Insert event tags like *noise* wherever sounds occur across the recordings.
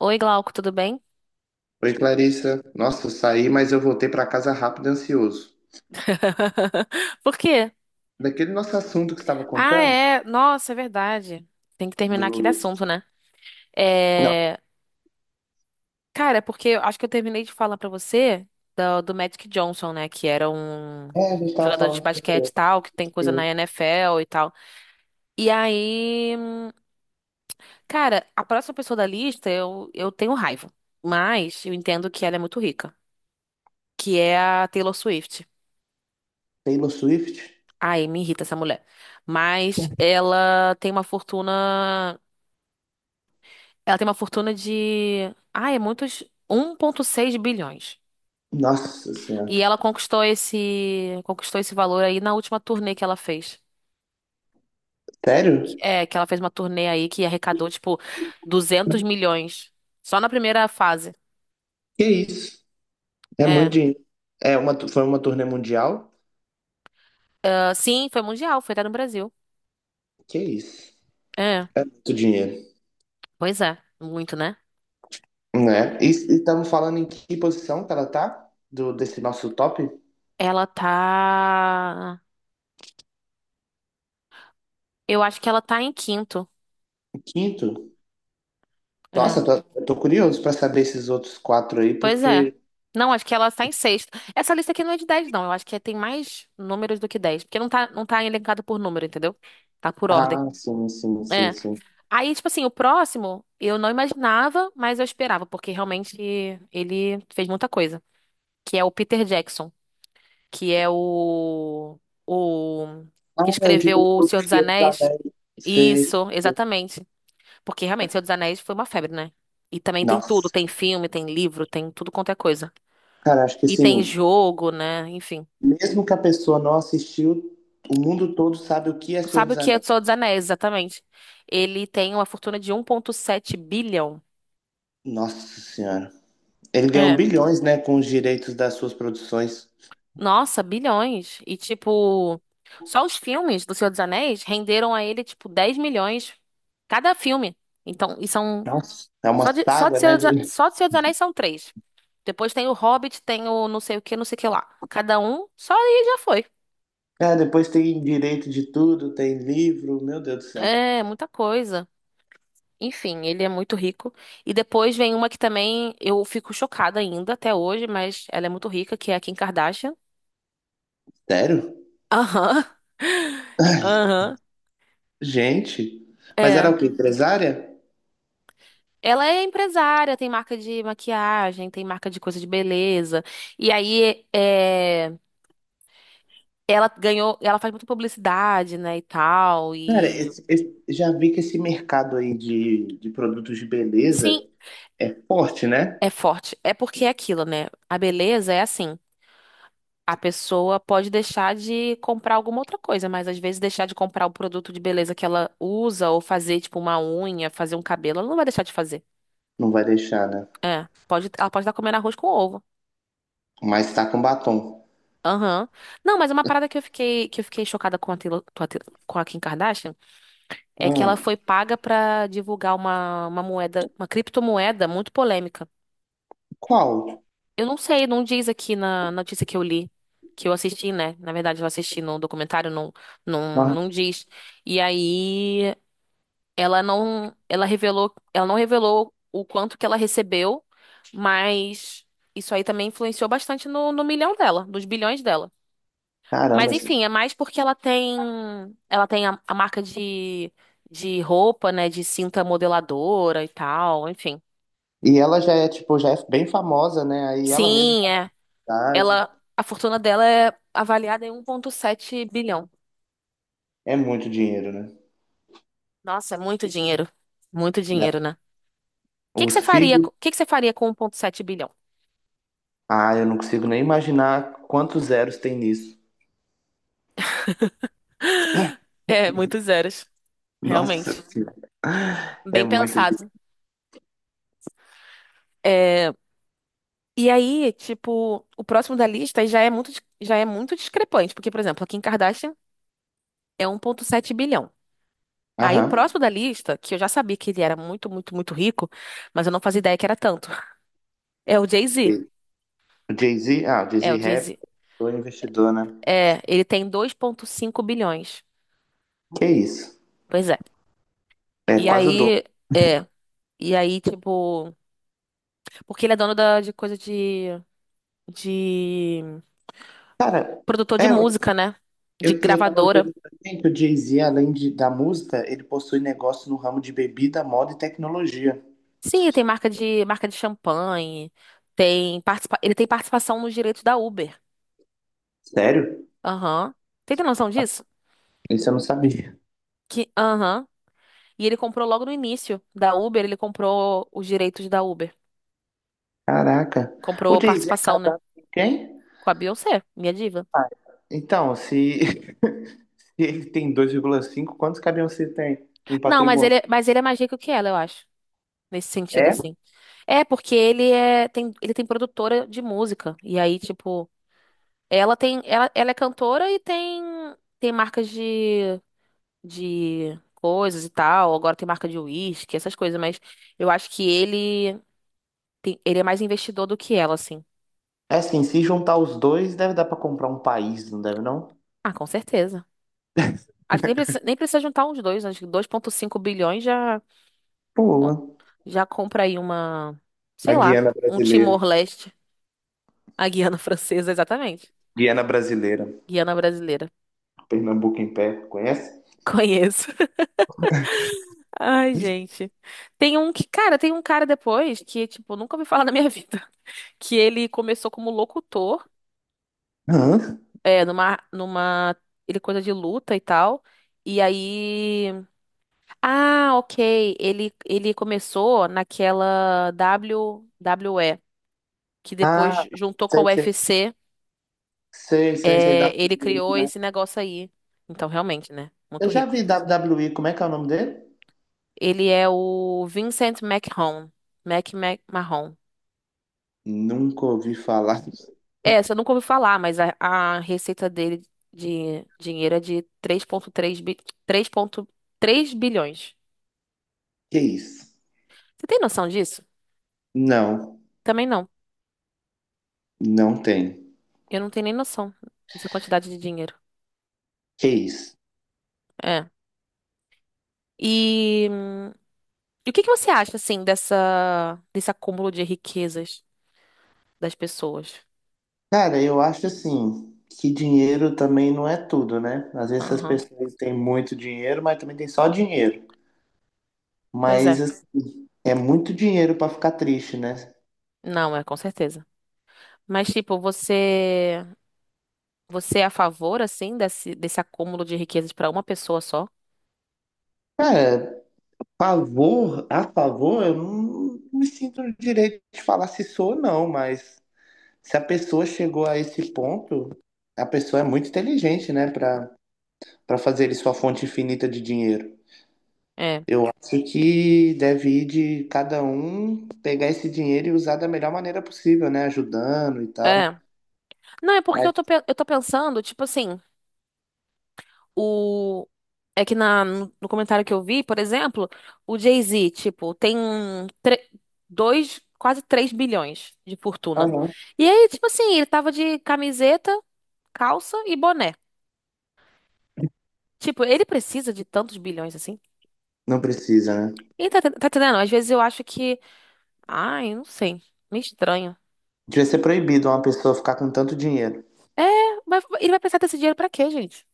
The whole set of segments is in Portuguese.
Oi, Glauco, tudo bem? Oi, Clarissa. Nossa, eu saí, mas eu voltei para casa rápido e ansioso. *laughs* Por quê? Daquele nosso assunto que você estava Ah, contando? é. Nossa, é verdade. Tem que terminar aquele Do... assunto, né? Não. É. Cara, é porque eu acho que eu terminei de falar pra você do Magic Johnson, né? Que era um É, a gente estava jogador de falando sobre basquete e tal, que tem coisa assim, na NFL e tal. E aí, cara, a próxima pessoa da lista eu tenho raiva. Mas eu entendo que ela é muito rica, que é a Taylor Swift. Taylor Swift. Ai, me irrita essa mulher. Mas ela tem uma fortuna. Ela tem uma fortuna de. Ah, é muitos. 1,6 bilhões. Nossa Senhora. E ela conquistou esse valor aí na última turnê que ela fez. Sério? É, que ela fez uma turnê aí que arrecadou, tipo, 200 milhões. Só na primeira fase. Que isso? É muito É. dinheiro. É uma, foi uma turnê mundial? Ah, sim, foi mundial, foi até no Brasil. Que isso? É. É muito dinheiro. Pois é, muito, né? Né? E estamos falando em que posição que ela tá? Desse nosso top? Ela tá. Eu acho que ela tá em quinto. Quinto? Nossa, É. Eu tô curioso para saber esses outros quatro aí, Pois é. porque. Não, acho que ela está em sexto. Essa lista aqui não é de 10 não. Eu acho que tem mais números do que 10. Porque não tá elencado por número, entendeu? Tá por ordem. Ah, sim, sim, sim, É. sim. Aí, tipo assim, o próximo eu não imaginava, mas eu esperava, porque realmente ele fez muita coisa. Que é o Peter Jackson, que é o Ah, que é o escreveu O diretor Senhor do dos filme Anéis. também. Fez. Isso, exatamente. Porque realmente, Senhor dos Anéis foi uma febre, né? E também tem tudo, Nossa, tem filme, tem livro, tem tudo quanto é coisa. cara, acho que E tem assim, jogo, né? Enfim. mesmo que a pessoa não assistiu, o mundo todo sabe o que é Senhor Sabe o dos que é o Anéis. Senhor dos Anéis, exatamente? Ele tem uma fortuna de 1,7 bilhão. Nossa Senhora. Ele ganhou É. bilhões, né, com os direitos das suas produções. Nossa, bilhões. E, tipo, só os filmes do Senhor dos Anéis renderam a ele, tipo, 10 milhões cada filme. Então, e são. Nossa, é uma saga, né? De- Só de Senhor dos Anéis são três. Depois tem o Hobbit, tem o não sei o que, não sei o que lá. Cada um, só aí já foi. É, depois tem direito de tudo, tem livro, meu Deus do céu. É, muita coisa. Enfim, ele é muito rico. E depois vem uma que também eu fico chocada ainda até hoje, mas ela é muito rica, que é a Kim Kardashian. Sério? Aham. *laughs* Aham. Gente. Mas era É. o quê? Empresária? Ela é empresária, tem marca de maquiagem, tem marca de coisa de beleza. E aí, é, ela ganhou, ela faz muita publicidade, né, e tal. Cara, E já vi que esse mercado aí de produtos de sim, beleza é forte, né? é forte. É porque é aquilo, né? A beleza é assim. A pessoa pode deixar de comprar alguma outra coisa, mas às vezes deixar de comprar o produto de beleza que ela usa ou fazer tipo uma unha, fazer um cabelo, ela não vai deixar de fazer. Não vai deixar, né? É, pode, ela pode estar comendo arroz com ovo. Mas tá com batom. Aham. Não, mas uma parada que eu fiquei chocada com com a Kim Kardashian é que ela Ai, foi paga pra divulgar uma moeda, uma criptomoeda muito polêmica. qual? Eu não sei, não diz aqui na notícia que eu li, que eu assisti, né? Na verdade, eu assisti no documentário, não, não, Ah, não diz. E aí. Ela não, ela revelou, ela não revelou o quanto que ela recebeu, mas isso aí também influenciou bastante no milhão dela, nos bilhões dela. caramba. Mas Esse- enfim, é mais porque ela tem a marca de, roupa, né, de cinta modeladora e tal, enfim. E ela já é, tipo, já é bem famosa, né? Aí ela mesma Sim, faz é. idade. Ela, a fortuna dela é avaliada em 1,7 bilhão. É muito dinheiro, né? Nossa, é muito dinheiro. Muito Dá- dinheiro, né? O que que você Os faria, filhos. o que que você faria com 1,7 bilhão? Ah, eu não consigo nem imaginar quantos zeros tem nisso. É, muitos zeros, Nossa realmente. Senhora. É Bem muito dinheiro. pensado. É. E aí, tipo, o próximo da lista já é muito discrepante, porque, por exemplo, a Kim Kardashian é 1.7 bilhão. Aí o Aham. próximo da lista, que eu já sabia que ele era muito, muito, muito rico, mas eu não fazia ideia que era tanto, *laughs* é o Jay-Z. Sei. O Jay-Z, ah, o É, Jay-Z é o rap, Jay-Z. o investidor, né? É, ele tem 2.5 bilhões. Que isso? Pois é. É E quase o dobro. aí, é. E aí, tipo, porque ele é dono da, de coisa de Cara, produtor de é, música, né? De e eu tava gravadora. vendo também que o Jay-Z, da música, ele possui negócio no ramo de bebida, moda e tecnologia. Sim, tem marca de champanhe, tem participa... ele tem participação nos direitos da Uber. Sério? Aham. Tem ter noção disso? Isso eu não sabia. Que aham. E ele comprou logo no início da Uber, ele comprou os direitos da Uber. Caraca. O Comprou Jay-Z é participação, né? casado com quem? Com a Beyoncé, minha diva. Ah, então, se, *laughs* se ele tem dois vírgula cinco, quantos caminhões você tem em Não, patrimônio? Mas ele é mais rico que ela, eu acho. Nesse sentido, É? assim. É, porque ele é, tem, ele tem produtora de música. E aí, tipo, ela é cantora e tem marcas de coisas e tal. Agora tem marca de uísque, essas coisas, mas eu acho que ele tem- ele é mais investidor do que ela, assim. É assim, se juntar os dois, deve dar pra comprar um país, não deve não? Ah, com certeza. Acho que nem precisa, nem precisa juntar uns dois, acho que 2,5 bilhões já bom, Boa. já compra aí uma, A sei lá, Guiana um brasileira. Timor-Leste, a Guiana *laughs* Francesa, exatamente. Guiana brasileira. Guiana brasileira. Pernambuco em pé, conhece? Conheço. *laughs* Ai, gente. Tem um que, cara, tem um cara depois que, tipo, nunca ouvi falar na minha *laughs* vida. Que ele começou como locutor. Hã? É, numa. Ele coisa de luta e tal. E aí. Ah, ok. Ele começou naquela WWE, que depois Ah, juntou com a sei, sei. UFC. Sei, sei, sei. É, Da ele criou esse negócio aí. Então, realmente, né? Eu Muito já rico. vi WWE, como é que é o nome dele? Ele é o Vincent McMahon. Mac, Mac, Mahon. Nunca ouvi falar. É, você nunca ouviu falar, mas a receita dele de dinheiro é de 3,3 bilhões. Que isso? Você tem noção disso? Não, Também não. não tem. Eu não tenho nem noção dessa quantidade de dinheiro. Que isso? É. E, e o que que você acha, assim, desse acúmulo de riquezas das pessoas? Cara, eu acho assim, que dinheiro também não é tudo, né? Às vezes as Aham. pessoas têm muito dinheiro, mas também tem só dinheiro. Pois é. Mas assim, é muito dinheiro pra ficar triste, né? Não, é, com certeza. Mas, tipo, você é a favor, assim, desse acúmulo de riquezas pra uma pessoa só? Cara, favor, a favor, eu não me sinto no direito de falar se sou ou não, mas se a pessoa chegou a esse ponto, a pessoa é muito inteligente, né, para fazer sua fonte infinita de dinheiro. É. Acho que deve ir de cada um pegar esse dinheiro e usar da melhor maneira possível, né, ajudando e tal. É. Não, é porque eu Mas tô, eu tô pensando, tipo assim. O é que na no no comentário que eu vi, por exemplo, o Jay-Z, tipo, tem tre- dois, quase 3 bilhões de ah, fortuna. não, E aí, tipo assim, ele tava de camiseta, calça e boné. Tipo, ele precisa de tantos bilhões assim? não precisa, né? E tá entendendo? Às vezes eu acho que, ai, não sei, me estranho. Devia ser proibido uma pessoa ficar com tanto dinheiro. É, mas ele vai precisar desse dinheiro pra quê, gente?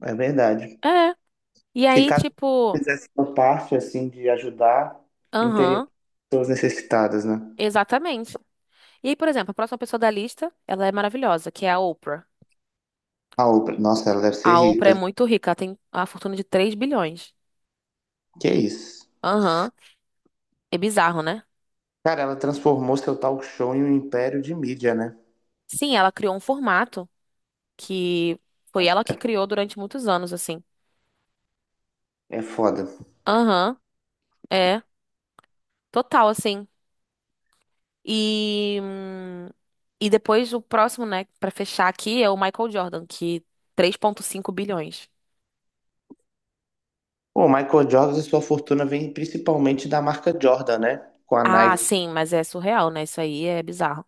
É verdade. É. E Se aí, cada um tipo, fizesse sua parte assim de ajudar, não teria aham, pessoas necessitadas, né? exatamente. E aí, por exemplo, a próxima pessoa da lista, ela é maravilhosa, que é a Oprah. A Oprah, nossa, ela deve ser A Oprah é rica. muito rica, ela tem a fortuna de 3 bilhões. Que isso? Aham. É bizarro, né? Cara, ela transformou seu talk show em um império de mídia, né? Sim, ela criou um formato que foi ela que criou durante muitos anos, assim. É foda. Aham. É total, assim. E, hum, e depois o próximo, né, pra fechar aqui é o Michael Jordan, que 3,5 bilhões. O Michael Jordan e sua fortuna vem principalmente da marca Jordan, né? Com a Ah, Nike. sim, mas é surreal, né? Isso aí é bizarro.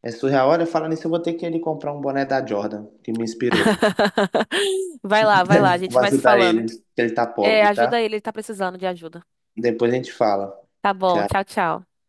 É surreal. Olha, falando nisso, eu vou ter que ele comprar um boné da Jordan, que me inspirou. *laughs* Vai lá, a *laughs* gente Vou vai se ajudar falando. ele, que ele tá É, pobre, ajuda tá? ele, ele tá precisando de ajuda. Depois a gente fala. Tá bom, tchau, Tchau. tchau.